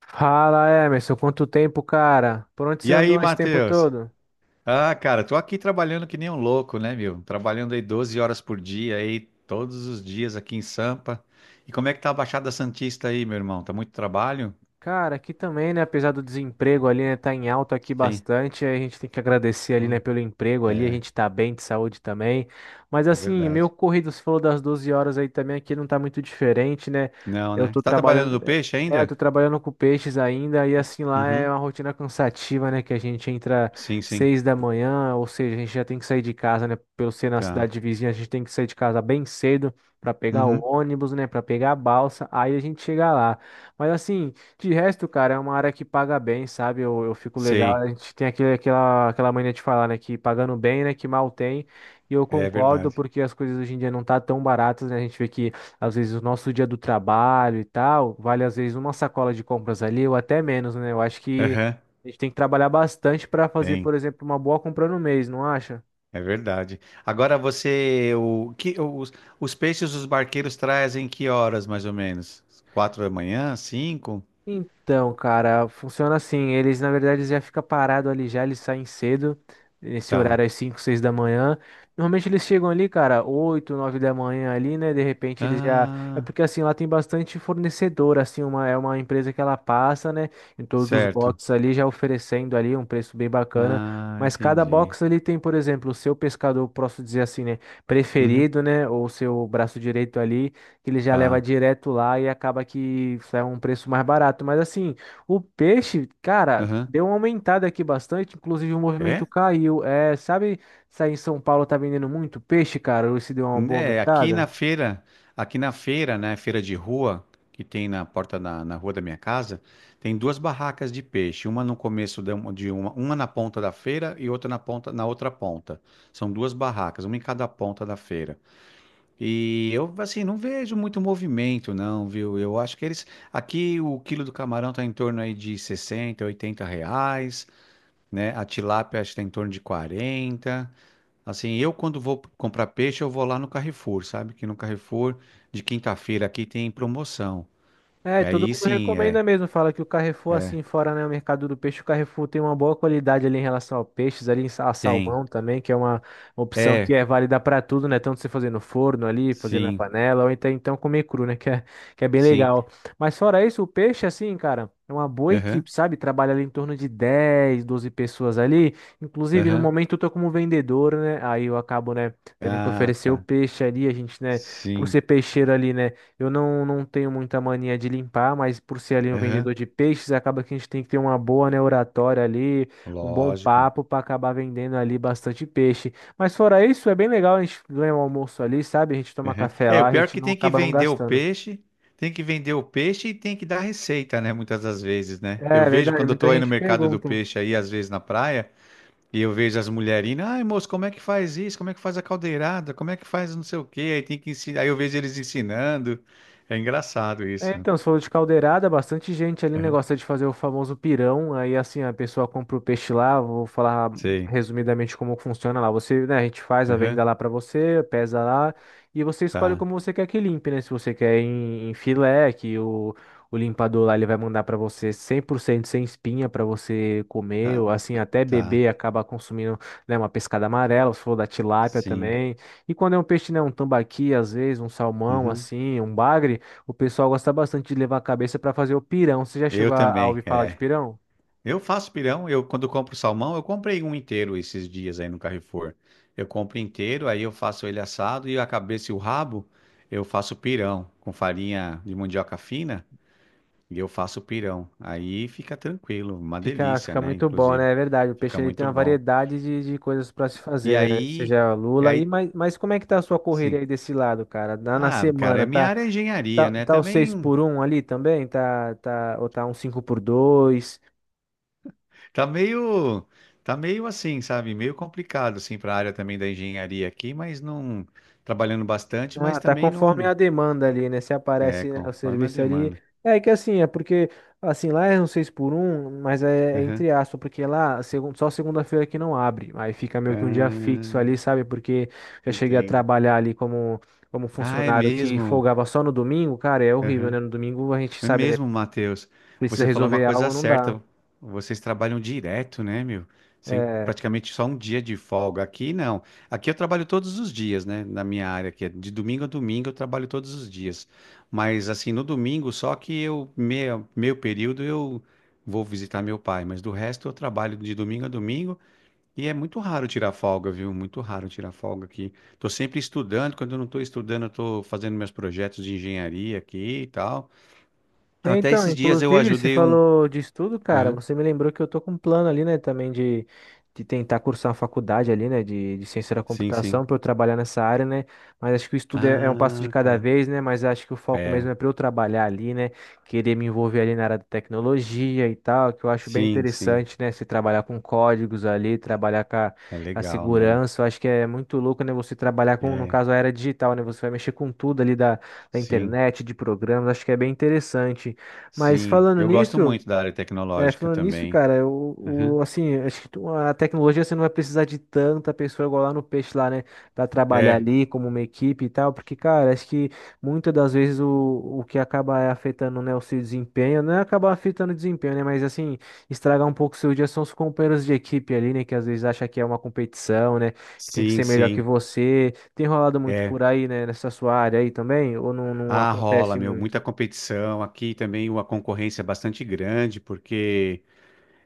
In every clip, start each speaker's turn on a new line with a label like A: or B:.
A: Fala, Emerson, quanto tempo, cara? Por onde você
B: E
A: andou
B: aí,
A: esse tempo
B: Matheus?
A: todo?
B: Ah, cara, tô aqui trabalhando que nem um louco, né, meu? Trabalhando aí 12 horas por dia, aí todos os dias aqui em Sampa. E como é que tá a Baixada Santista aí, meu irmão? Tá muito trabalho?
A: Cara, aqui também, né? Apesar do desemprego ali, né? Tá em alta aqui
B: Sim.
A: bastante. A gente tem que agradecer ali, né?
B: Olha.
A: Pelo emprego ali. A
B: É,
A: gente tá bem de saúde também. Mas
B: é
A: assim, meu
B: verdade.
A: corrido, você falou das 12 horas aí também. Aqui não tá muito diferente, né?
B: Não,
A: Eu
B: né?
A: tô
B: Você tá trabalhando
A: trabalhando.
B: no peixe
A: Eu tô
B: ainda?
A: trabalhando com peixes ainda. E assim, lá é
B: Uhum.
A: uma rotina cansativa, né? Que a gente entra
B: Sim, sim.
A: 6 da manhã. Ou seja, a gente já tem que sair de casa, né? Pelo ser na
B: Tá.
A: cidade vizinha, a gente tem que sair de casa bem cedo para pegar o
B: Uhum.
A: ônibus, né? Para pegar a balsa. Aí a gente chega lá. Mas assim. De resto, cara, é uma área que paga bem, sabe? Eu fico legal.
B: Sei.
A: A gente tem aquela mania de falar, né? Que pagando bem, né? Que mal tem. E eu
B: É
A: concordo,
B: verdade.
A: porque as coisas hoje em dia não tá tão baratas, né? A gente vê que, às vezes, o nosso dia do trabalho e tal, vale, às vezes, uma sacola de compras ali, ou até menos, né? Eu acho que
B: Aham.
A: a gente tem que trabalhar bastante para fazer,
B: Tem.
A: por exemplo, uma boa compra no mês, não acha?
B: É verdade. Agora você, o que os peixes os barqueiros trazem que horas mais ou menos? 4 da manhã, 5?
A: Então, cara, funciona assim. Eles, na verdade, eles já ficam parados ali já, eles saem cedo, nesse
B: Tá.
A: horário às 5 6 da manhã. Normalmente eles chegam ali, cara, 8 9 da manhã ali, né? De repente eles já. É
B: Ah,
A: porque assim, lá tem bastante fornecedor, assim, é uma empresa que ela passa, né? Em todos os
B: certo.
A: boxes ali, já oferecendo ali um preço bem bacana.
B: Ah,
A: Mas cada
B: entendi.
A: box ali tem, por exemplo, o seu pescador, posso dizer assim, né?
B: Uhum,
A: Preferido, né? Ou o seu braço direito ali que ele já leva
B: tá.
A: direto lá e acaba que sai um preço mais barato. Mas assim, o peixe, cara,
B: Aham.
A: deu uma aumentada aqui bastante, inclusive o movimento
B: É?
A: caiu. É, sabe, se aí em São Paulo tá vendendo muito peixe, cara, ou se deu uma boa
B: É, aqui na
A: aumentada?
B: feira, aqui na feira, né, feira de rua, que tem na porta na rua da minha casa, tem duas barracas de peixe, uma no começo uma na ponta da feira e outra na outra ponta. São duas barracas, uma em cada ponta da feira. E eu, assim, não vejo muito movimento, não, viu? Eu acho que aqui o quilo do camarão tá em torno aí de 60 a 80 reais, né? A tilápia acho que está em torno de 40. Assim, eu quando vou comprar peixe, eu vou lá no Carrefour, sabe? Que no Carrefour de quinta-feira aqui tem promoção.
A: É, e
B: E
A: todo
B: aí
A: mundo
B: sim,
A: recomenda mesmo, fala que o Carrefour,
B: é,
A: assim, fora, né, o mercado do peixe, o Carrefour tem uma boa qualidade ali em relação ao peixes, ali em a
B: tem.
A: salmão também, que é uma opção que
B: É,
A: é válida para tudo, né, tanto você fazer no forno ali, fazer na
B: sim,
A: panela, ou então comer cru, né, que é bem
B: sim.
A: legal. Mas fora isso, o peixe, assim, cara, é uma boa
B: Aham,
A: equipe, sabe, trabalha ali em torno de 10, 12 pessoas ali, inclusive no
B: aham.
A: momento eu tô como vendedor, né, aí eu acabo, né, tendo que
B: Ah,
A: oferecer o
B: tá.
A: peixe ali, a gente, né, por
B: Sim.
A: ser peixeiro ali, né? Eu não, não tenho muita mania de limpar, mas por ser ali um
B: Aham.
A: vendedor de peixes, acaba que a gente tem que ter uma boa, né, oratória ali, um bom
B: Lógico.
A: papo para acabar vendendo ali bastante peixe. Mas fora isso, é bem legal a gente ganhar um almoço ali, sabe? A gente toma
B: Aham.
A: café
B: É, o
A: lá, a
B: pior é
A: gente
B: que
A: não
B: tem que
A: acaba não
B: vender o
A: gastando.
B: peixe, tem que vender o peixe e tem que dar receita, né? Muitas das vezes, né? Eu
A: É
B: vejo
A: verdade,
B: quando eu
A: muita
B: tô aí no
A: gente
B: mercado do
A: pergunta.
B: peixe aí, às vezes na praia. E eu vejo as mulherinas: ai moço, como é que faz isso? Como é que faz a caldeirada? Como é que faz não sei o quê? Aí tem que ensinar. Aí eu vejo eles ensinando. É engraçado
A: É,
B: isso.
A: então, você falou de caldeirada, bastante gente ali, né,
B: Uhum.
A: gosta de fazer o famoso pirão. Aí, assim, a pessoa compra o peixe lá, vou falar
B: Sei.
A: resumidamente como funciona lá. Você, né, a gente faz a venda
B: Uhum.
A: lá para você, pesa lá, e você escolhe
B: Tá.
A: como você quer que limpe, né? Se você quer em filé, que o limpador lá ele vai mandar para você 100% sem espinha para você comer,
B: Tá.
A: ou assim, até
B: Tá.
A: beber, acaba consumindo, né, uma pescada amarela, se for da tilápia
B: Sim.
A: também. E quando é um peixe, né, um tambaqui, às vezes, um salmão,
B: Uhum.
A: assim, um bagre. O pessoal gosta bastante de levar a cabeça para fazer o pirão. Você já
B: Eu
A: chegou a ouvir
B: também,
A: falar de
B: é.
A: pirão?
B: Eu faço pirão, eu quando compro salmão, eu comprei um inteiro esses dias aí no Carrefour. Eu compro inteiro, aí eu faço ele assado e a cabeça e o rabo eu faço pirão com farinha de mandioca fina. E eu faço pirão. Aí fica tranquilo, uma
A: Fica,
B: delícia,
A: fica
B: né?
A: muito bom,
B: Inclusive,
A: né? É verdade. O peixe
B: fica
A: ele tem
B: muito
A: uma
B: bom.
A: variedade de coisas para se
B: E
A: fazer, né?
B: aí,
A: Seja
B: e
A: lula e
B: aí,
A: mas, mas como é que tá a sua correria
B: sim.
A: aí desse lado, cara? Na
B: Ah, cara,
A: semana,
B: a minha
A: tá,
B: área é engenharia,
A: tá,
B: né?
A: tá o 6
B: Também
A: por um ali também? Tá, ou tá um 5 por 2?
B: tá meio, tá meio assim, sabe? Meio complicado assim para a área também da engenharia aqui, mas não trabalhando bastante, mas
A: Ah, tá
B: também
A: conforme a
B: não
A: demanda ali, né? Se
B: é
A: aparece, né, o
B: conforme a
A: serviço ali.
B: demanda.
A: É que assim, é porque, assim, lá é um 6 por 1, mas é
B: Aham.
A: entre aspas, porque lá só segunda-feira que não abre. Aí fica meio que um dia fixo ali,
B: Ah,
A: sabe? Porque já cheguei a
B: entendo.
A: trabalhar ali como
B: Ah, é
A: funcionário que
B: mesmo.
A: folgava só no domingo, cara, é horrível, né? No domingo a gente
B: É
A: sabe, né?
B: mesmo, Matheus.
A: Precisa
B: Você falou uma
A: resolver
B: coisa
A: algo, não dá.
B: certa. Vocês trabalham direto, né, meu? Sem
A: É,
B: praticamente só um dia de folga. Aqui não. Aqui eu trabalho todos os dias, né? Na minha área, que é de domingo a domingo eu trabalho todos os dias. Mas assim, no domingo, só que eu, meio, meio período, eu vou visitar meu pai. Mas do resto eu trabalho de domingo a domingo e é muito raro tirar folga, viu? Muito raro tirar folga aqui. Tô sempre estudando. Quando eu não tô estudando, eu tô fazendo meus projetos de engenharia aqui e tal.
A: é,
B: Até
A: então,
B: esses dias eu
A: inclusive, você
B: ajudei um.
A: falou de estudo, cara.
B: Aham.
A: Você me lembrou que eu tô com um plano ali, né, também de tentar cursar uma faculdade ali, né, de ciência da
B: Sim, sim.
A: computação para eu trabalhar nessa área, né. Mas acho que o estudo é um passo de
B: Ah,
A: cada
B: tá.
A: vez, né. Mas acho que o foco
B: É,
A: mesmo é para eu trabalhar ali, né, querer me envolver ali na área da tecnologia e tal, que eu acho bem
B: sim, sim.
A: interessante, né, se trabalhar com códigos ali, trabalhar com a,
B: É
A: a
B: legal, né?
A: segurança. Eu acho que é muito louco, né, você trabalhar com, no
B: É,
A: caso, a era digital, né. Você vai mexer com tudo ali da
B: sim,
A: internet, de programas, acho que é bem interessante. Mas
B: sim.
A: falando
B: Eu gosto
A: nisso,
B: muito da área tecnológica também.
A: cara,
B: Aham.
A: assim, acho que a tecnologia você não vai precisar de tanta pessoa igual lá no peixe lá, né, pra trabalhar
B: É,
A: ali como uma equipe e tal, porque, cara, acho que muitas das vezes o que acaba afetando, né, o seu desempenho, não é acabar afetando o desempenho, né, mas assim, estragar um pouco o seu dia são os companheiros de equipe ali, né, que às vezes acha que é uma competição, né, que tem que
B: sim,
A: ser melhor que
B: sim.
A: você. Tem rolado muito
B: É.
A: por aí, né, nessa sua área aí também, ou não, não
B: Ah, rola,
A: acontece
B: meu, muita
A: muito?
B: competição. Aqui também uma concorrência bastante grande, porque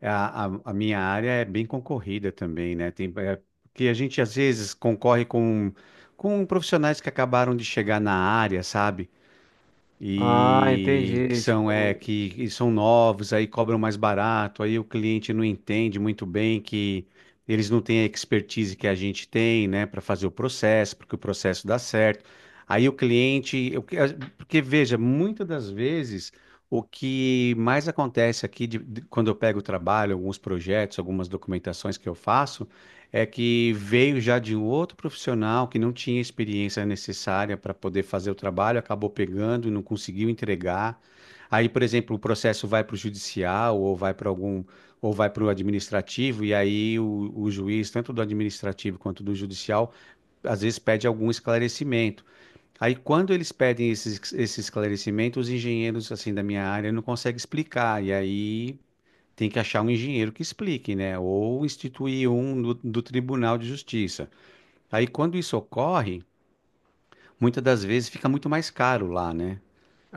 B: a minha área é bem concorrida também, né? Tem, é, porque a gente às vezes concorre com profissionais que acabaram de chegar na área, sabe?
A: Ah,
B: E que
A: entendi.
B: são é
A: Tipo.
B: que são novos, aí cobram mais barato, aí o cliente não entende muito bem que eles não têm a expertise que a gente tem, né, para fazer o processo, porque o processo dá certo. Aí o cliente, porque veja, muitas das vezes o que mais acontece aqui quando eu pego o trabalho, alguns projetos, algumas documentações que eu faço é que veio já de um outro profissional que não tinha experiência necessária para poder fazer o trabalho, acabou pegando e não conseguiu entregar. Aí, por exemplo, o processo vai para o judicial ou vai para algum ou vai para o administrativo, e aí o juiz, tanto do administrativo quanto do judicial, às vezes pede algum esclarecimento. Aí, quando eles pedem esse esclarecimento, os engenheiros assim da minha área não conseguem explicar, e aí tem que achar um engenheiro que explique, né? Ou instituir um do Tribunal de Justiça. Aí, quando isso ocorre, muitas das vezes fica muito mais caro lá, né?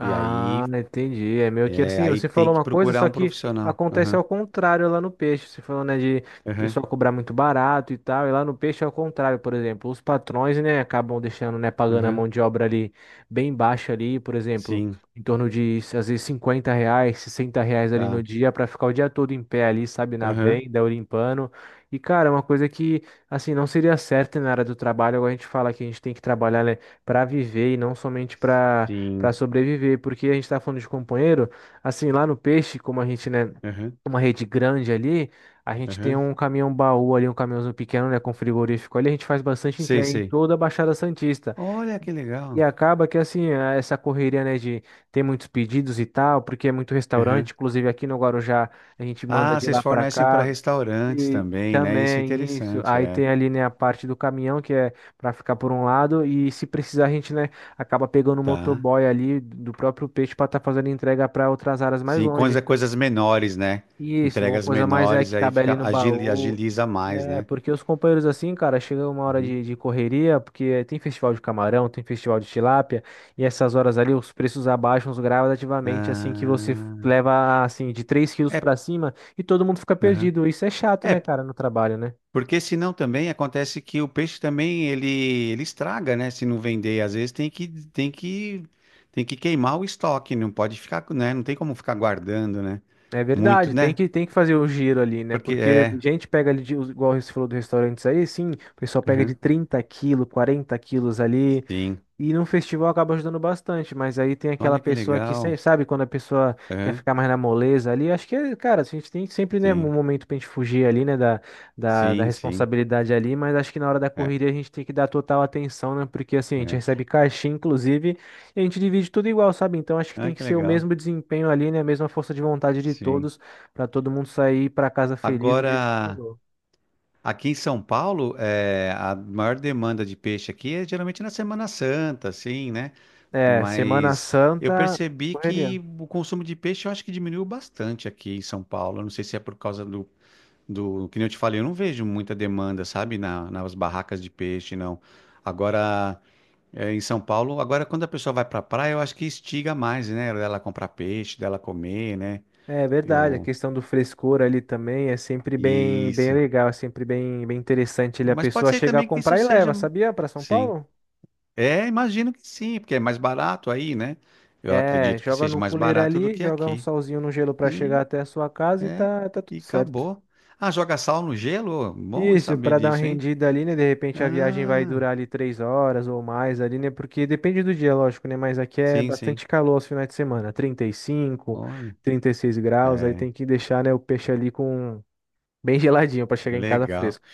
B: E aí,
A: entendi. É meio que
B: é,
A: assim,
B: aí
A: você
B: tem
A: falou
B: que
A: uma coisa,
B: procurar
A: só
B: um
A: que
B: profissional.
A: acontece
B: Aham,
A: ao contrário lá no peixe. Você falou, né, de o
B: aham,
A: pessoal cobrar muito barato e tal, e lá no peixe é ao contrário, por exemplo. Os patrões, né, acabam deixando, né, pagando a mão
B: aham.
A: de obra ali bem baixa ali, por exemplo,
B: Sim,
A: em torno de, às vezes, R$ 50, R$ 60 ali no
B: tá.
A: dia para ficar o dia todo em pé ali, sabe, na
B: Aham,
A: venda ou limpando. E, cara, é uma coisa que, assim, não seria certa na área do trabalho. Agora a gente fala que a gente tem que trabalhar, né, para viver e não somente para
B: sim.
A: sobreviver, porque a gente está falando de companheiro, assim, lá no peixe, como a gente, né,
B: Aham,
A: uma rede grande ali, a gente tem
B: aham.
A: um caminhão baú ali, um caminhãozinho pequeno, né, com frigorífico ali, a gente faz bastante
B: Sei,
A: entrega em
B: sei.
A: toda a Baixada Santista.
B: Olha que
A: E
B: legal.
A: acaba que assim, essa correria, né, de ter muitos pedidos e tal, porque é muito restaurante,
B: Aham.
A: inclusive aqui no Guarujá a gente manda
B: Ah,
A: de
B: vocês
A: lá para
B: fornecem para
A: cá.
B: restaurantes
A: E
B: também, né? Isso é
A: também isso,
B: interessante,
A: aí
B: é.
A: tem ali, né, a parte do caminhão que é para ficar por um lado e se precisar a gente, né, acaba pegando o
B: Tá.
A: motoboy ali do próprio peixe para estar fazendo entrega para outras áreas mais
B: Sim,
A: longe.
B: coisas menores, né?
A: E isso, uma
B: Entregas
A: coisa mais é
B: menores,
A: que
B: aí
A: cabe ali
B: fica,
A: no baú.
B: agiliza mais,
A: É,
B: né?
A: porque os companheiros assim, cara, chega uma hora
B: Uhum.
A: de correria, porque tem festival de camarão, tem festival de tilápia, e essas horas ali os preços abaixam os gradativamente, assim que você
B: Ah,
A: leva, assim, de 3 quilos
B: é,
A: para cima e todo mundo fica
B: aham.
A: perdido. Isso é chato, né,
B: É,
A: cara, no trabalho, né?
B: porque senão também acontece que o peixe também ele estraga, né? Se não vender, às vezes tem que queimar o estoque, não pode ficar, né? Não tem como ficar guardando, né?
A: É
B: Muito,
A: verdade, tem
B: né?
A: que, tem que fazer o giro ali, né?
B: Porque
A: Porque
B: é,
A: gente pega ali, de, igual você falou do restaurantes aí, sim, o pessoal pega de
B: aham,
A: 30 quilos, 40 quilos ali.
B: sim.
A: E num festival acaba ajudando bastante, mas aí tem aquela
B: Olha que
A: pessoa que,
B: legal.
A: sabe, quando a pessoa quer
B: Aham.
A: ficar mais na moleza ali, acho que, cara, a gente tem sempre, né, um
B: Sim,
A: momento pra gente fugir ali, né, da
B: sim, sim.
A: responsabilidade ali, mas acho que na hora da
B: É,
A: correria a gente tem que dar total atenção, né, porque assim, a gente
B: é.
A: recebe caixinha, inclusive, e a gente divide tudo igual, sabe? Então acho que
B: Ah,
A: tem que
B: que
A: ser o
B: legal.
A: mesmo desempenho ali, né, a mesma força de vontade de
B: Sim.
A: todos, pra todo mundo sair pra casa feliz do jeito que
B: Agora,
A: chegou.
B: aqui em São Paulo, é, a maior demanda de peixe aqui é geralmente na Semana Santa, assim, né?
A: É, Semana
B: Mas eu
A: Santa,
B: percebi
A: correria.
B: que o consumo de peixe eu acho que diminuiu bastante aqui em São Paulo. Eu não sei se é por causa que nem eu te falei, eu não vejo muita demanda, sabe, nas barracas de peixe, não. Agora, é, em São Paulo, agora quando a pessoa vai pra praia, eu acho que estiga mais, né? Dela comprar peixe, dela comer, né?
A: É verdade, a
B: Eu...
A: questão do frescor ali também é sempre bem, bem
B: Isso.
A: legal, é sempre bem, bem interessante ali a
B: Mas pode
A: pessoa
B: ser
A: chegar a
B: também que isso
A: comprar e
B: seja.
A: leva, sabia? Para São
B: Sim.
A: Paulo?
B: É, imagino que sim, porque é mais barato aí, né? Eu
A: É,
B: acredito que
A: joga
B: seja
A: no
B: mais
A: cooler
B: barato do
A: ali,
B: que
A: joga um
B: aqui.
A: salzinho no gelo para chegar
B: Sim,
A: até a sua casa e
B: é.
A: tá
B: E
A: tudo certo.
B: acabou. Ah, joga sal no gelo? Bom
A: Isso,
B: saber
A: para dar uma
B: disso, hein?
A: rendida ali, né? De repente a viagem vai
B: Ah,
A: durar ali 3 horas ou mais ali, né? Porque depende do dia, lógico, né? Mas aqui é
B: sim, sim.
A: bastante calor aos finais de semana, 30 35,
B: Olha.
A: 36 graus, aí
B: É,
A: tem que deixar, né, o peixe ali com bem geladinho para chegar em casa
B: legal.
A: fresco.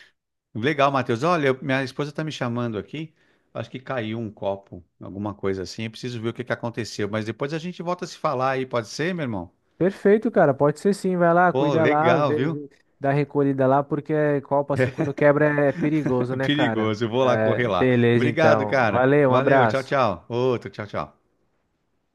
B: Legal, Matheus. Olha, minha esposa está me chamando aqui. Acho que caiu um copo, alguma coisa assim. Eu preciso ver o que que aconteceu. Mas depois a gente volta a se falar aí, pode ser, meu irmão?
A: Perfeito, cara. Pode ser sim. Vai lá,
B: Pô,
A: cuida lá,
B: legal,
A: vê,
B: viu?
A: vê, dá recolhida lá, porque copo assim quando quebra é perigoso,
B: É
A: né, cara?
B: perigoso, eu vou lá
A: É,
B: correr lá.
A: beleza,
B: Obrigado,
A: então.
B: cara.
A: Valeu, um
B: Valeu, tchau,
A: abraço.
B: tchau. Outro, tchau, tchau.